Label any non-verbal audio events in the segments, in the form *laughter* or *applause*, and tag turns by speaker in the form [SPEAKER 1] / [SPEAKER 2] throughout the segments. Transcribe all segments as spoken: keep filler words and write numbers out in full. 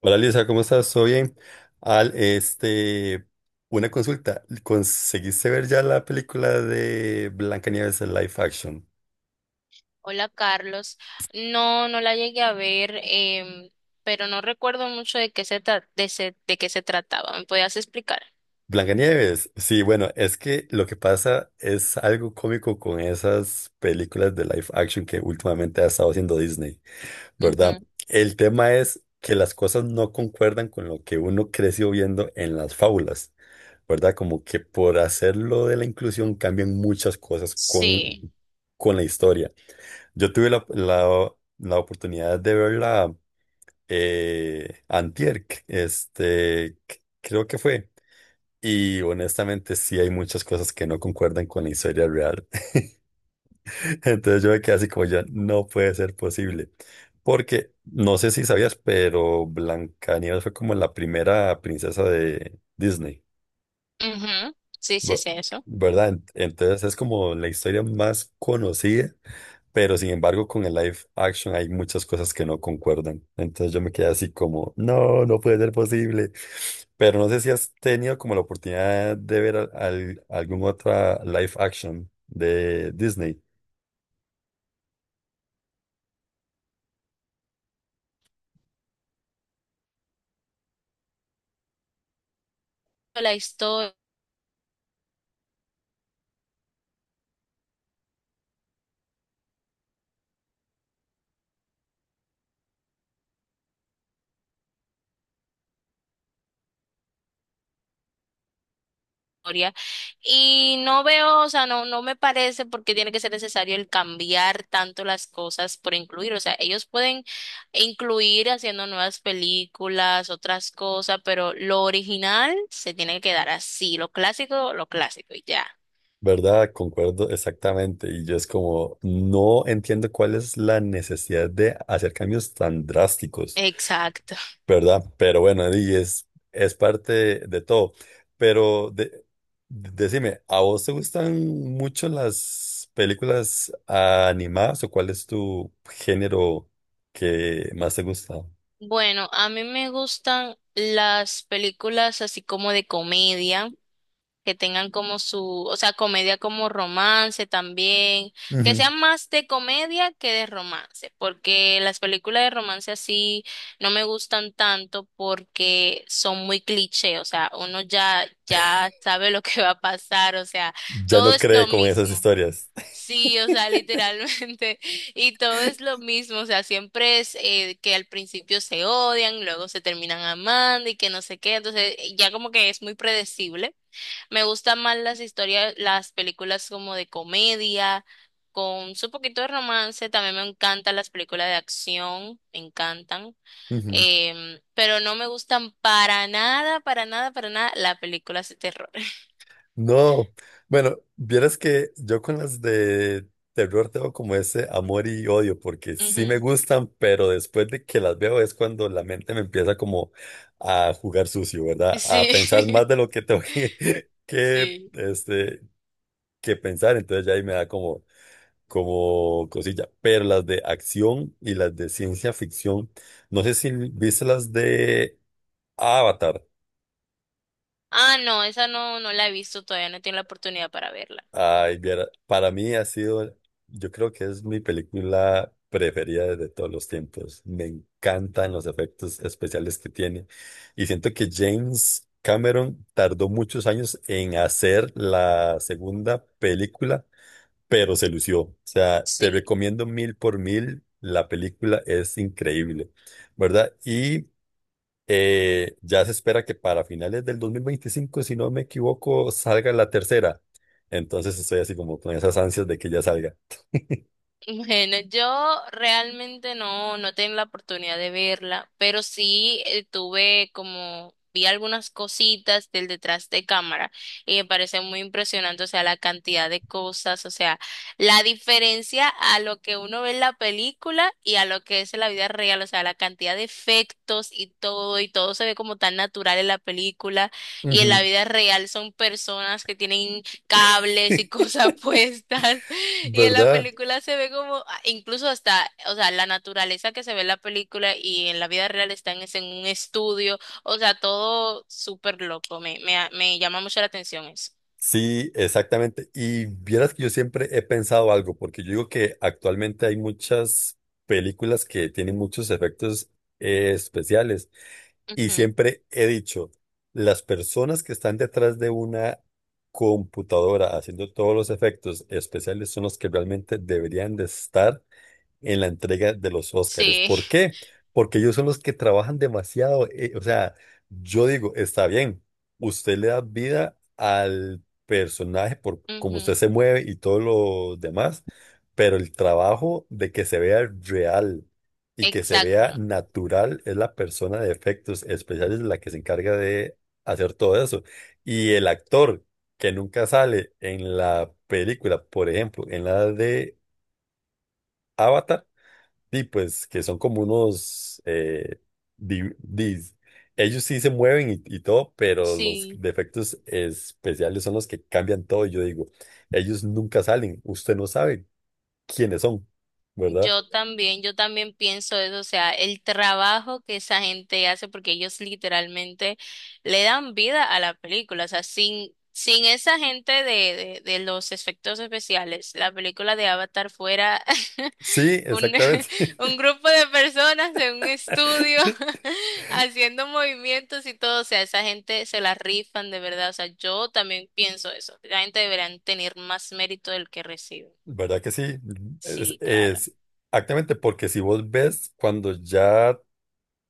[SPEAKER 1] Hola, Lisa, ¿cómo estás? ¿Todo bien? Al, este, una consulta. ¿Conseguiste ver ya la película de Blancanieves en live action?
[SPEAKER 2] Hola Carlos, no, no la llegué a ver, em, pero no recuerdo mucho de qué se tra- de, se- de qué se trataba. ¿Me podías explicar?
[SPEAKER 1] Blancanieves, sí, bueno, es que lo que pasa es algo cómico con esas películas de live action que últimamente ha estado haciendo Disney, ¿verdad?
[SPEAKER 2] Ujú.
[SPEAKER 1] El tema es que las cosas no concuerdan con lo que uno creció viendo en las fábulas. ¿Verdad? Como que por hacerlo de la inclusión cambian muchas cosas
[SPEAKER 2] Sí,
[SPEAKER 1] con, con la historia. Yo tuve la, la- la oportunidad de verla eh, antier, c- este, c- creo que fue. Y honestamente sí hay muchas cosas que no concuerdan con la historia real. *laughs* Entonces yo me quedé así como ya, no puede ser posible. Porque no sé si sabías, pero Blancanieves fue como la primera princesa de Disney,
[SPEAKER 2] ujú, sí, sí,
[SPEAKER 1] bu-
[SPEAKER 2] sí, eso.
[SPEAKER 1] ¿verdad? Ent- Entonces es como la historia más conocida. Pero sin embargo, con el live action hay muchas cosas que no concuerdan. Entonces yo me quedé así como, no, no puede ser posible. Pero no sé si has tenido como la oportunidad de ver al- al- algún otra live action de Disney,
[SPEAKER 2] La historia. Y no veo, o sea, no, no me parece porque tiene que ser necesario el cambiar tanto las cosas por incluir. O sea, ellos pueden incluir haciendo nuevas películas, otras cosas, pero lo original se tiene que quedar así, lo clásico, lo clásico y ya.
[SPEAKER 1] ¿verdad? Concuerdo exactamente. Y yo es como, no entiendo cuál es la necesidad de hacer cambios tan drásticos.
[SPEAKER 2] Exacto.
[SPEAKER 1] ¿Verdad? Pero bueno, di, es, es parte de todo. Pero de- Decime, ¿a vos te gustan mucho las películas animadas o cuál es tu género que más te gusta?
[SPEAKER 2] Bueno, a mí me gustan las películas así como de comedia, que tengan como su, o sea, comedia como romance también, que
[SPEAKER 1] Ujú.
[SPEAKER 2] sean más de comedia que de romance, porque las películas de romance así no me gustan tanto porque son muy cliché, o sea, uno ya ya sabe lo que va a pasar, o sea,
[SPEAKER 1] Ya no
[SPEAKER 2] todo es lo
[SPEAKER 1] cree con esas
[SPEAKER 2] mismo.
[SPEAKER 1] historias.
[SPEAKER 2] Sí, o sea, literalmente. *laughs* Y todo es lo mismo, o sea, siempre es eh, que al principio se odian, luego se terminan amando y que no sé qué, entonces eh, ya como que es muy predecible. Me gustan más las historias, las películas como de comedia, con su poquito de romance, también me encantan las películas de acción, me encantan.
[SPEAKER 1] *laughs*
[SPEAKER 2] Em, pero no me gustan para nada, para nada, para nada las películas de terror. *laughs*
[SPEAKER 1] No, bueno, vieras que yo con las de terror tengo como ese amor y odio, porque sí me
[SPEAKER 2] Ujú.
[SPEAKER 1] gustan, pero después de que las veo es cuando la mente me empieza como a jugar sucio, ¿verdad? A
[SPEAKER 2] Sí,
[SPEAKER 1] pensar más de
[SPEAKER 2] *laughs*
[SPEAKER 1] lo que tengo que, *laughs* que,
[SPEAKER 2] sí.
[SPEAKER 1] este, que pensar, entonces ya ahí me da como, como cosilla. Pero las de acción y las de ciencia ficción, no sé si viste las de Avatar.
[SPEAKER 2] Ah, no, esa no, no la he visto todavía, no he tenido la oportunidad para verla.
[SPEAKER 1] Ay, viera, para mí ha sido, yo creo que es mi película preferida de todos los tiempos. Me encantan los efectos especiales que tiene. Y siento que James Cameron tardó muchos años en hacer la segunda película, pero se lució. O sea, te
[SPEAKER 2] Sí.
[SPEAKER 1] recomiendo mil por mil. La película es increíble, ¿verdad? Y eh, ya se espera que para finales del dos mil veinticinco, si no me equivoco, salga la tercera. Entonces estoy así como con esas ansias de que ya salga.
[SPEAKER 2] Bueno, yo realmente no, no tengo la oportunidad de verla, pero sí eh, tuve como, vi algunas cositas del detrás de cámara y me parece muy impresionante, o sea, la cantidad de cosas, o sea, la diferencia a lo que uno ve en la película y a lo que es en la vida real, o sea, la cantidad de efectos y todo, y todo se ve como tan natural en la película y en la
[SPEAKER 1] Ujú.
[SPEAKER 2] vida real son personas que tienen cables y
[SPEAKER 1] *laughs*
[SPEAKER 2] cosas *laughs* puestas. Y en la
[SPEAKER 1] ¿Verdad?
[SPEAKER 2] película se ve como, ah, incluso hasta, o sea, la naturaleza que se ve en la película y en la vida real están es en un estudio, o sea, todo súper loco, me, me, ha- me llama mucho la atención eso.
[SPEAKER 1] Sí, exactamente. Y vieras que yo siempre he pensado algo, porque yo digo que actualmente hay muchas películas que tienen muchos efectos eh, especiales. Y
[SPEAKER 2] Ujú,
[SPEAKER 1] siempre he dicho, las personas que están detrás de una computadora haciendo todos los efectos especiales son los que realmente deberían de estar en la entrega de los Óscares.
[SPEAKER 2] sí,
[SPEAKER 1] ¿Por qué? Porque ellos son los que trabajan demasiado. Eh, o sea, yo digo, está bien, usted le da vida al personaje por
[SPEAKER 2] *laughs*
[SPEAKER 1] cómo usted
[SPEAKER 2] ujú,
[SPEAKER 1] se mueve y todo lo demás, pero el trabajo de que se vea real y que se vea
[SPEAKER 2] exacto,
[SPEAKER 1] natural es la persona de efectos especiales la que se encarga de hacer todo eso. Y el actor que nunca sale en la película, por ejemplo, en la de Avatar, sí, pues que son como unos... eh, di- dis- ellos sí se mueven y, y todo, pero los
[SPEAKER 2] sí.
[SPEAKER 1] defectos especiales son los que cambian todo. Y yo digo, ellos nunca salen. Usted no sabe quiénes son, ¿verdad?
[SPEAKER 2] Yo también, yo también pienso eso, o sea, el trabajo que esa gente hace, porque ellos literalmente le dan vida a la película, o sea, sin, sin esa gente de, de, de los efectos especiales, la película de Avatar fuera *laughs*
[SPEAKER 1] Sí,
[SPEAKER 2] un, *laughs*
[SPEAKER 1] exactamente.
[SPEAKER 2] un grupo de personas en un estudio
[SPEAKER 1] *laughs*
[SPEAKER 2] *laughs* haciendo movimientos y todo, o sea, esa gente se la rifan de verdad, o sea, yo también pienso eso, la gente deberán tener más mérito del que recibe.
[SPEAKER 1] ¿Verdad que sí? Es,
[SPEAKER 2] Sí, claro.
[SPEAKER 1] es- Exactamente, porque si vos ves cuando ya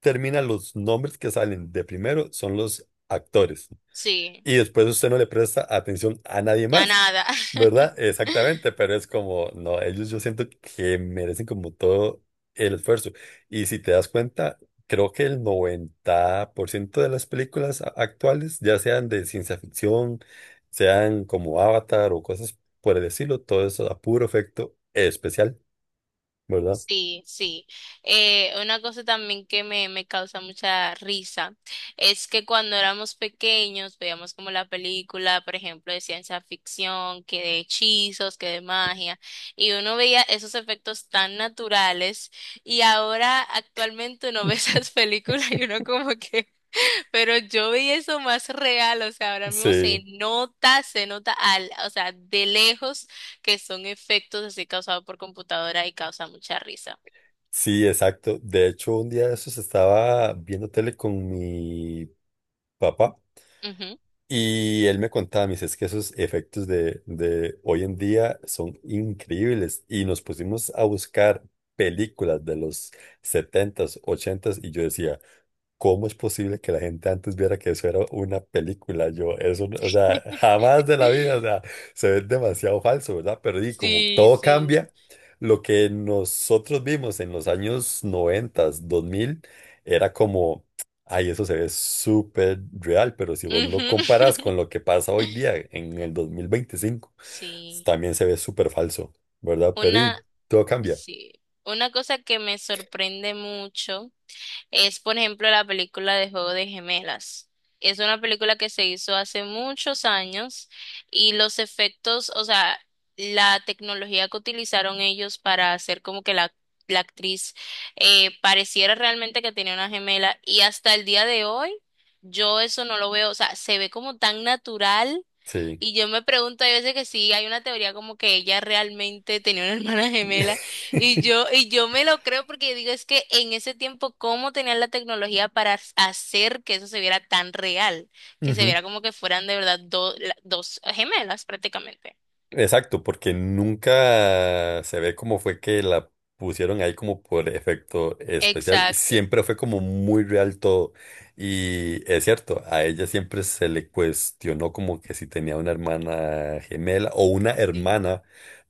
[SPEAKER 1] terminan los nombres que salen de primero son los actores.
[SPEAKER 2] Sí.
[SPEAKER 1] Y después usted no le presta atención a nadie
[SPEAKER 2] A
[SPEAKER 1] más,
[SPEAKER 2] nada.
[SPEAKER 1] ¿verdad?
[SPEAKER 2] *laughs*
[SPEAKER 1] Exactamente, pero es como, no, ellos yo siento que merecen como todo el esfuerzo. Y si te das cuenta, creo que el noventa por ciento de las películas a- actuales, ya sean de ciencia ficción, sean como Avatar o cosas por el estilo, todo eso a puro efecto especial, ¿verdad?
[SPEAKER 2] Sí, sí. Eh, una cosa también que me, me causa mucha risa es que cuando éramos pequeños veíamos como la película, por ejemplo, de ciencia ficción, que de hechizos, que de magia, y uno veía esos efectos tan naturales y ahora actualmente uno *laughs* ve esas películas y uno como que, pero yo vi eso más real, o sea, ahora mismo se
[SPEAKER 1] Sí,
[SPEAKER 2] nota, se nota al, o sea, de lejos que son efectos así causados por computadora y causa mucha risa.
[SPEAKER 1] sí, exacto. De hecho, un día de esos estaba viendo tele con mi papá.
[SPEAKER 2] Ujú.
[SPEAKER 1] Y él me contaba, me dice, es que esos efectos de, de hoy en día son increíbles. Y nos pusimos a buscar películas de los setentas, ochentas y yo decía, ¿cómo es posible que la gente antes viera que eso era una película? Yo, eso, no- o sea,
[SPEAKER 2] *laughs*
[SPEAKER 1] jamás de la vida, o sea, se ve demasiado falso, ¿verdad? Pero y como
[SPEAKER 2] Sí,
[SPEAKER 1] todo
[SPEAKER 2] sí.
[SPEAKER 1] cambia, lo que nosotros vimos en los años noventa, dos mil, era como, ay, eso se ve súper real, pero si vos lo
[SPEAKER 2] Ujú.
[SPEAKER 1] comparas con lo que pasa hoy día,
[SPEAKER 2] *laughs*
[SPEAKER 1] en el dos mil veinticinco,
[SPEAKER 2] Sí.
[SPEAKER 1] también se ve súper falso, ¿verdad? Pero
[SPEAKER 2] Una,
[SPEAKER 1] y todo cambia,
[SPEAKER 2] sí. Una cosa que me sorprende mucho es, por ejemplo, la película de Juego de Gemelas. Es una película que se hizo hace muchos años y los efectos, o sea, la tecnología que utilizaron ellos para hacer como que la, la actriz eh, pareciera realmente que tenía una gemela y hasta el día de hoy yo eso no lo veo, o sea, se ve como tan natural
[SPEAKER 1] sí.
[SPEAKER 2] y yo me pregunto, hay veces que sí, hay una teoría como que ella realmente tenía una *laughs* hermana gemela y
[SPEAKER 1] *laughs*
[SPEAKER 2] yo y yo me lo creo porque digo, es que en ese tiempo cómo tenían la tecnología para as- hacer que eso se viera tan real, que se
[SPEAKER 1] Ujú.
[SPEAKER 2] viera como que fueran de verdad do- la- dos gemelas prácticamente.
[SPEAKER 1] Exacto, porque nunca se ve cómo fue que la pusieron ahí como por efecto especial.
[SPEAKER 2] Exacto.
[SPEAKER 1] Siempre fue como muy real todo. Y es cierto, a ella siempre se le cuestionó como que si tenía una hermana gemela o una
[SPEAKER 2] Sí.
[SPEAKER 1] hermana,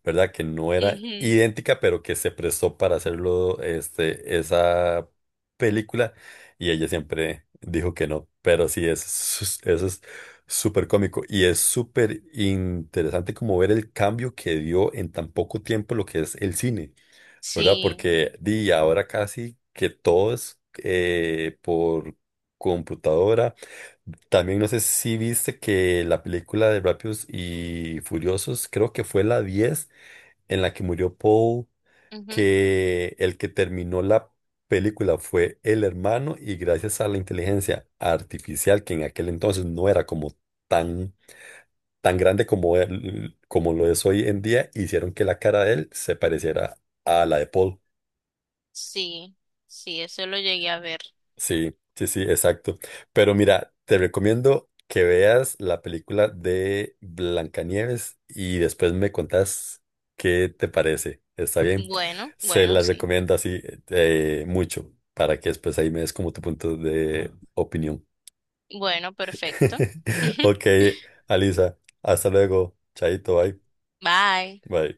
[SPEAKER 1] ¿verdad? Que no era
[SPEAKER 2] Ujú.
[SPEAKER 1] idéntica, pero que se prestó para hacerlo, este, esa película. Y ella siempre dijo que no. Pero sí, eso es, eso es súper cómico y es súper interesante como ver el cambio que dio en tan poco tiempo lo que es el cine, ¿verdad?
[SPEAKER 2] Sí.
[SPEAKER 1] Porque di ahora casi que todo es eh, por computadora. También no sé si viste que la película de Rápidos y Furiosos, creo que fue la diez en la que murió Paul,
[SPEAKER 2] Ujú.
[SPEAKER 1] que el que terminó la película fue el hermano y gracias a la inteligencia artificial, que en aquel entonces no era como tan, tan grande como, él- como lo es hoy en día, hicieron que la cara de él se pareciera a la de Paul.
[SPEAKER 2] Sí. Sí, eso lo llegué a ver.
[SPEAKER 1] Sí, sí, sí, exacto. Pero mira, te recomiendo que veas la película de Blancanieves y después me contás qué te parece. ¿Está bien?
[SPEAKER 2] Bueno,
[SPEAKER 1] Se
[SPEAKER 2] bueno,
[SPEAKER 1] la
[SPEAKER 2] sí.
[SPEAKER 1] recomiendo así eh, mucho para que después ahí me des como tu punto de opinión.
[SPEAKER 2] Bueno, perfecto.
[SPEAKER 1] *laughs* Ok,
[SPEAKER 2] *laughs*
[SPEAKER 1] Alisa, hasta luego. Chaito, bye.
[SPEAKER 2] Bye.
[SPEAKER 1] Bye.